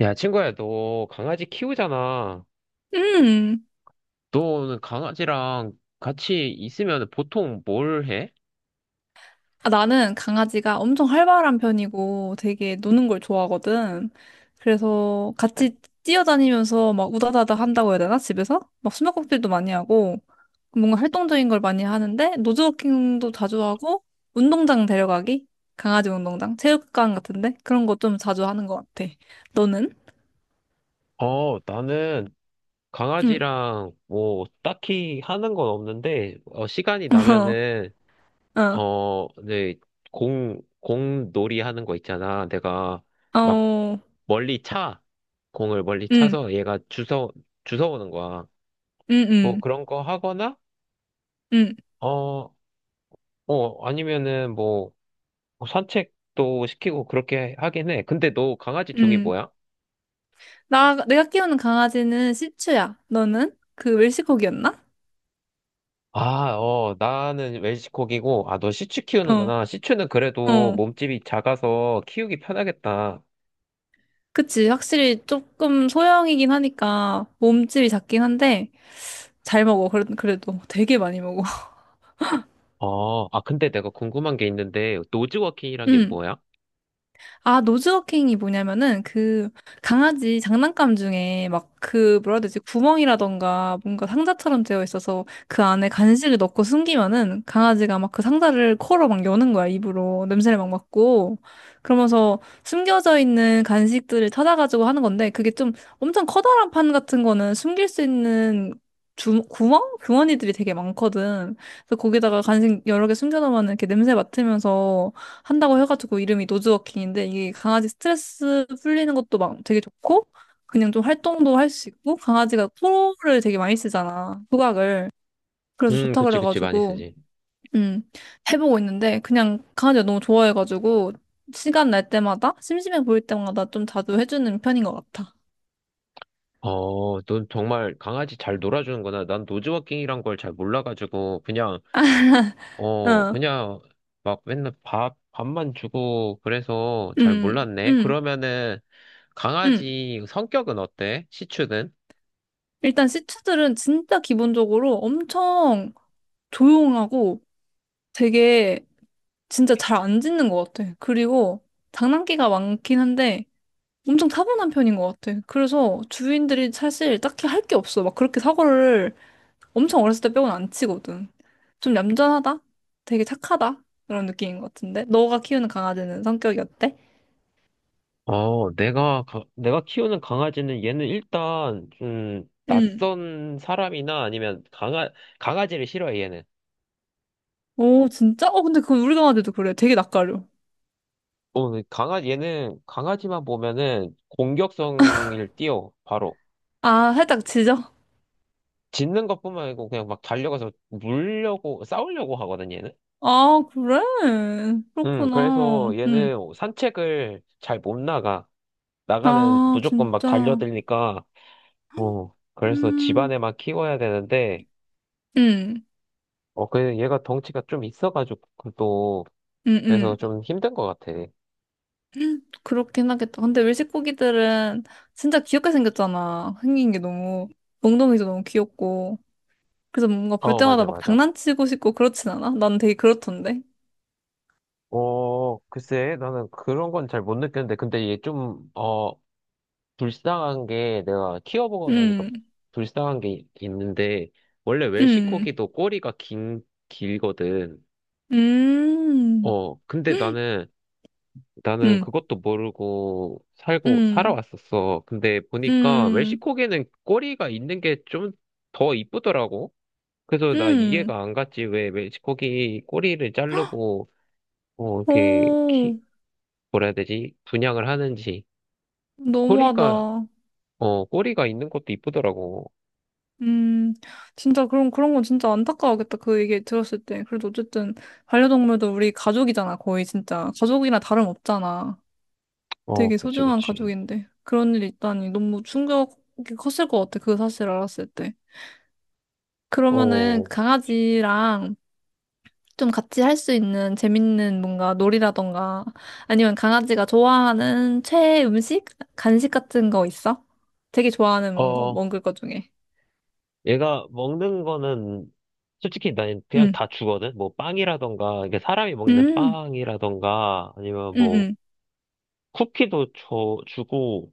야, 친구야, 너 강아지 키우잖아. 음. 너는 강아지랑 같이 있으면 보통 뭘 해? 아, 나는 강아지가 엄청 활발한 편이고 되게 노는 걸 좋아하거든. 그래서 같이 뛰어다니면서 막 우다다다 한다고 해야 되나? 집에서? 막 숨바꼭질도 많이 하고 뭔가 활동적인 걸 많이 하는데 노즈워킹도 자주 하고 운동장 데려가기? 강아지 운동장? 체육관 같은데? 그런 거 좀 자주 하는 것 같아. 너는? 나는 응. 강아지랑 뭐 딱히 하는 건 없는데, 시간이 나면은, 어, 네, 공놀이 하는 거 있잖아. 내가 어, 막 어, 멀리 차. 공을 멀리 응, 차서 얘가 주워오는 거야. 응, 뭐 응, 그런 거 하거나, 응, 어, 아니면은 뭐 산책도 시키고 그렇게 하긴 해. 근데 너 강아지 종이 응. 뭐야? 내가 키우는 강아지는 시츄야. 너는? 그 웰시코기였나? 아, 어, 나는 웰시코기고, 아, 너 시츄 어, 키우는구나. 시츄는 그래도 어. 몸집이 작아서 키우기 편하겠다. 그치. 확실히 조금 소형이긴 하니까 몸집이 작긴 한데 잘 먹어. 그래, 그래도 되게 많이 먹어. 어, 아, 근데 내가 궁금한 게 있는데, 노즈워킹이란 게 응. 뭐야? 아, 노즈워킹이 뭐냐면은 그 강아지 장난감 중에 막 그 뭐라 해야 되지? 구멍이라던가 뭔가 상자처럼 되어 있어서 그 안에 간식을 넣고 숨기면은 강아지가 막 그 상자를 코로 막 여는 거야, 입으로. 냄새를 막 맡고. 그러면서 숨겨져 있는 간식들을 찾아가지고 하는 건데 그게 좀 엄청 커다란 판 같은 거는 숨길 수 있는 구멍? 주머니들이 되게 많거든. 그래서 거기다가 간식 여러 개 숨겨놓으면 이렇게 냄새 맡으면서 한다고 해가지고 이름이 노즈워킹인데 이게 강아지 스트레스 풀리는 것도 막 되게 좋고 그냥 좀 활동도 할 수 있고 강아지가 코를 되게 많이 쓰잖아. 후각을 그래서 좋다 그치, 그치, 많이 그래가지고 쓰지. 음 해보고 있는데 그냥 강아지가 너무 좋아해가지고 시간 날 때마다 심심해 보일 때마다 좀 자주 해주는 편인 것 같아. 어, 넌 정말 강아지 잘 놀아주는구나. 난 노즈워킹이란 걸 잘 몰라가지고, 그냥 어, 그냥 막 맨날 밥만 주고 그래서 잘 음, 몰랐네. 음, 그러면은 음. 강아지 성격은 어때? 시추는? 일단 시츄들은 진짜 기본적으로 엄청 조용하고 되게 진짜 잘 안 짖는 것 같아. 그리고 장난기가 많긴 한데 엄청 타고난 편인 것 같아. 그래서 주인들이 사실 딱히 할 게 없어. 막 그렇게 사고를 엄청 어렸을 때 빼고는 안 치거든. 좀 얌전하다? 되게 착하다? 그런 느낌인 것 같은데? 너가 키우는 강아지는 성격이 어때? 내가 키우는 강아지는 얘는 일단 좀 응. 낯선 사람이나 아니면 강아지를 싫어해, 얘는. 오, 진짜? 어, 근데 그건 우리 강아지도 그래. 되게 낯가려. 얘는 강아지만 보면은 공격성을 띄워, 바로. 아, 살짝 짖어? 짖는 것뿐만 아니고 그냥 막 달려가서 물려고, 싸우려고 하거든, 얘는. 아, 그래? 그래서 그렇구나. 응. 얘는 산책을 잘 못 나가. 나가면 아, 무조건 막 진짜. 달려들니까, 그래서 음. 집안에만 키워야 되는데, 응, 그 얘가 덩치가 좀 있어가지고, 또, 응, 그래서 응. 좀 힘든 것 같아. 그렇긴 하겠다. 근데 외식 고기들은 진짜 귀엽게 생겼잖아. 생긴 게 너무, 몽둥이도 너무 귀엽고. 그래서 뭔가 볼 어, 때마다 맞아, 막 맞아. 장난치고 싶고 그렇진 않아? 난 되게 그렇던데. 어, 글쎄, 나는 그런 건 잘 못 느꼈는데, 근데 얘 좀, 어, 불쌍한 게, 내가 키워보고 나니까 음, 불쌍한 게 있는데, 원래 음, 웰시코기도 꼬리가 길거든. 음, 어, 근데 나는, 나는 음, 그것도 모르고 살고 음, 살아왔었어. 근데 보니까 음, 멕시코계는 꼬리가 있는 게 좀 더 이쁘더라고. 그래서 나 음. 이해가 안 갔지. 왜 멕시코기 꼬리를 자르고 어 이렇게 오, 키 뭐라 해야 되지? 분양을 하는지. 너무하다. 꼬리가 꼬리가 있는 것도 이쁘더라고. 음, 진짜 그런 건 진짜 안타까워하겠다. 그 얘기 들었을 때. 그래도 어쨌든 반려동물도 우리 가족이잖아. 거의 진짜. 가족이나 다름없잖아. 어, 되게 그치, 소중한 그치. 가족인데 그런 일이 있다니 너무 충격이 컸을 것 같아. 그 사실 알았을 때. 그러면은 그 어, 강아지랑 좀 같이 할 수 있는 재밌는 뭔가 놀이라던가 아니면 강아지가 좋아하는 최애 음식? 간식 같은 거 있어? 되게 좋아하는 뭔가 어, 먹을 거 중에. 얘가 먹는 거는 솔직히 난 그냥 응. 다 주거든. 뭐 빵이라던가 이게 사람이 먹는 음. 빵이라던가 아니면 음. 뭐 음. 쿠키도 줘 주고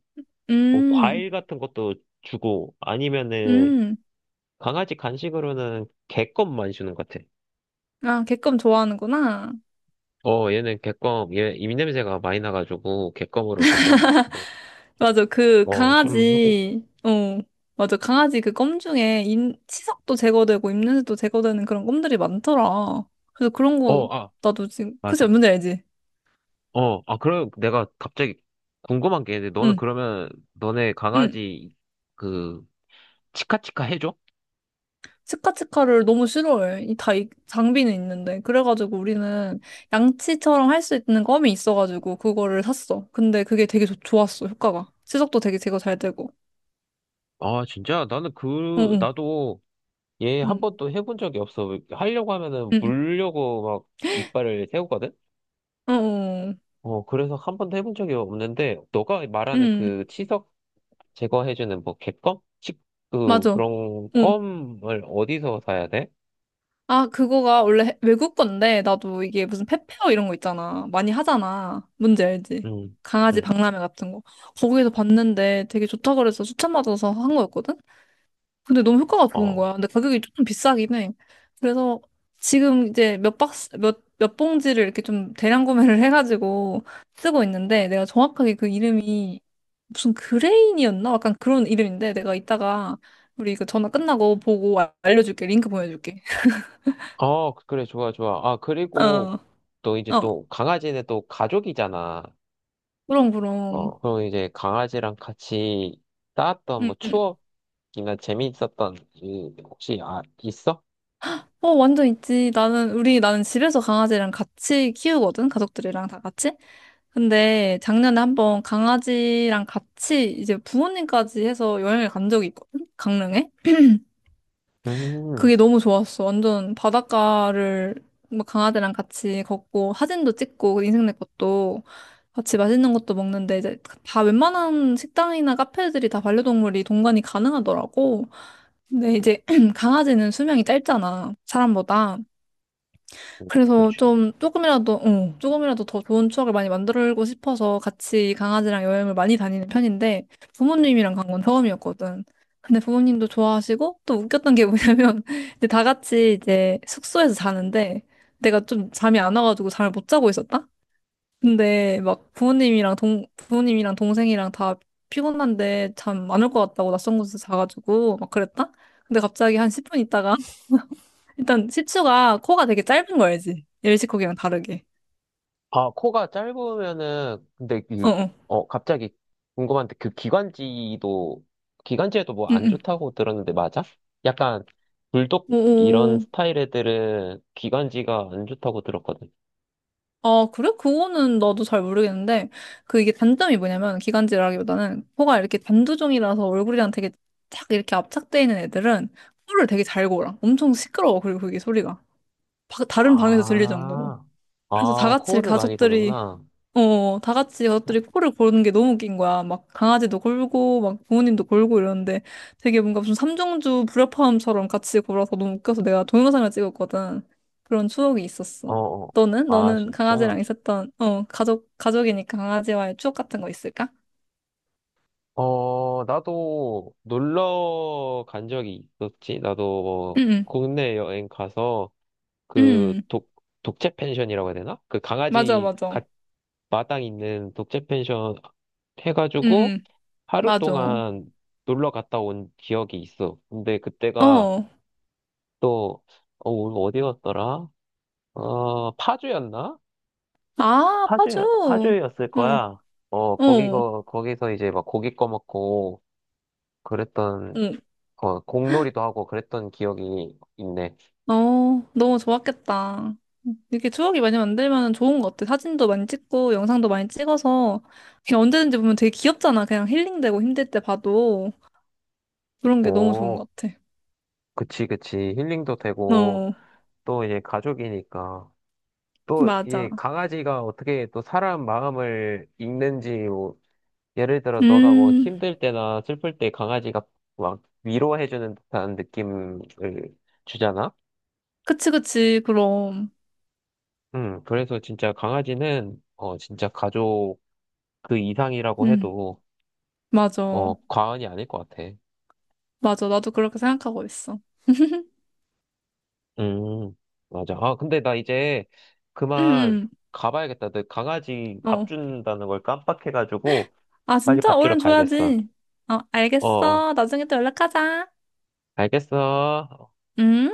뭐 음. 과일 같은 것도 주고 아니면은 음. 강아지 간식으로는 개껌만 주는 것 같아. 아, 개껌 좋아하는구나. 얘는 개껌 얘 입냄새가 많이 나가지고 개껌으로 조금 맞아. 그 좀 하고 있어. 강아지, 어, 맞아. 강아지 그 껌 중에 임, 치석도 제거되고 입냄새도 제거되는 그런 껌들이 많더라. 그래서 그런 어 거 아 나도 지금 그치 맞아. 뭔지 알지? 그럼 내가 갑자기 궁금한 게 있는데 너는 응, 그러면 너네 응. 강아지 그 치카치카 해줘? 치카치카를 너무 싫어해. 장비는 있는데 그래가지고 우리는 양치처럼 할 수 있는 껌이 있어가지고 그거를 샀어. 근데 그게 되게 좋았어 효과가. 치석도 되게 제거 잘 되고. 아, 진짜? 응, 응, 나도 얘 한 응, 번도 해본 적이 없어. 하려고 하면은 응, 물려고 막 이빨을 세우거든? 응, 응, 어, 그래서 한 번도 해본 적이 없는데, 너가 말하는 응, 그 치석 제거해주는 뭐 객검? 맞아. 그런 응. 껌을 어디서 사야 돼? 아, 그거가 원래 외국 건데, 나도 이게 무슨 페페어 이런 거 있잖아. 많이 하잖아. 뭔지 알지? 응 강아지 응 박람회 같은 거. 거기에서 봤는데 되게 좋다고 그래서 추천받아서 한 거였거든? 근데 너무 효과가 좋은 어. 거야. 근데 가격이 조금 비싸긴 해. 그래서 지금 이제 몇 봉지를 이렇게 좀 대량 구매를 해가지고 쓰고 있는데, 내가 정확하게 그 이름이 무슨 그레인이었나? 약간 그런 이름인데, 내가 이따가 우리 이거 전화 끝나고 보고 알려줄게. 링크 보내줄게. 어, 그래, 좋아, 좋아. 아, 그리고 어. 어. 또 강아지는 또 가족이잖아. 그럼, 그럼. 어, 그럼 이제 강아지랑 같이 쌓았던 응, 뭐 응. 추억, 이나 재미있었던 일 혹시 아 있어? 어, 완전 있지. 나는 집에서 강아지랑 같이 키우거든. 가족들이랑 다 같이. 근데 작년에 한번 강아지랑 같이 이제 부모님까지 해서 여행을 간 적이 있거든. 강릉에. 음, 그게 너무 좋았어. 완전 바닷가를 막 강아지랑 같이 걷고 사진도 찍고 인생 내 것도 같이 맛있는 것도 먹는데 이제 그 다 웬만한 식당이나 카페들이 다 반려동물이 동반이 가능하더라고. 근데 이제 강아지는 수명이 짧잖아. 사람보다. 그래서 그렇지. 좀 조금이라도, 응, 조금이라도 더 좋은 추억을 많이 만들고 싶어서 같이 강아지랑 여행을 많이 다니는 편인데 부모님이랑 간 건 처음이었거든. 근데 부모님도 좋아하시고 또 웃겼던 게 뭐냐면 이제 다 같이 이제 숙소에서 자는데 내가 좀 잠이 안 와가지고 잠을 못 자고 있었다? 근데 막 부모님이랑 동생이랑 다 피곤한데 잠 안 올 것 같다고 낯선 곳에서 자가지고 막 그랬다? 근데 갑자기 한 10분 있다가 일단 시츄가 코가 되게 짧은 거 알지? 일시코기랑 다르게. 아 코가 짧으면은 근데 어, 어. 갑자기 궁금한데 그 기관지도 기관지에도 뭐 응, 안 응. 좋다고 들었는데 맞아? 약간 불독 이런 오, 스타일 애들은 기관지가 안 좋다고 들었거든. 아, 그래? 그거는 나도 잘 모르겠는데, 그 이게 단점이 뭐냐면, 기관지라기보다는 코가 이렇게 단두종이라서 얼굴이랑 되게 착 이렇게 압착돼 있는 애들은 코를 되게 잘 골아. 엄청 시끄러워. 그리고 그게 소리가. 다른 방에서 들릴 정도로. 아, 그래서 다 아 같이 코를 많이 가족들이 고는구나. 어, 다 같이 가족들이 코를 고르는 게 너무 웃긴 거야. 막 강아지도 골고, 막 부모님도 골고 이러는데 되게 뭔가 무슨 삼중주 불협화음처럼 같이 골아서 너무 웃겨서 내가 동영상을 찍었거든. 그런 추억이 어, 있었어. 어. 너는? 아 너는 진짜? 강아지랑 있었던, 어, 가족이니까 강아지와의 추억 같은 거 있을까? 어, 나도 놀러 간 적이 있었지. 나도 응, 뭐 응, 국내 여행 가서 그 응. 독, 독채 펜션이라고 해야 되나? 맞아, 맞아. 마당 있는 독채 펜션 응, 해가지고 응, 하루 맞아. 동안 놀러 갔다 온 기억이 있어. 근데 그때가 어. 또, 어, 어디 갔더라? 어, 파주였나? 아, 파주. 파주, 파주였을 어, 거야. 어, 어, 거기서 이제 막 고기 꺼먹고 그랬던 어. 어, 공놀이도 하고 그랬던 기억이 있네. 어, 너무 좋았겠다. 이렇게 추억이 많이 만들면 좋은 것 같아. 사진도 많이 찍고, 영상도 많이 찍어서, 그냥 언제든지 보면 되게 귀엽잖아. 그냥 힐링되고 힘들 때 봐도. 그런 게 너무 좋은 오, 것 같아. 그치, 그치. 힐링도 되고, 어, 또 이제 가족이니까. 또, 맞아. 이 강아지가 어떻게 또 사람 마음을 읽는지, 뭐, 예를 들어, 너가 뭐 음, 힘들 때나 슬플 때 강아지가 막 위로해주는 듯한 느낌을 주잖아? 그치, 그치, 그럼. 그래서 진짜 강아지는, 어, 진짜 가족 그 이상이라고 음, 해도, 어, 맞아. 과언이 아닐 것 같아. 맞아. 나도 그렇게 생각하고 있어. 음, 맞아. 아, 근데 나 이제 음, 그만 음. 가봐야겠다. 내 강아지 밥 어. 준다는 걸 깜빡해가지고 아, 빨리 진짜? 밥 주러 얼른 가야겠어. 줘야지. 어, 어, 어. 알겠어. 나중에 또 연락하자. 알겠어. 음?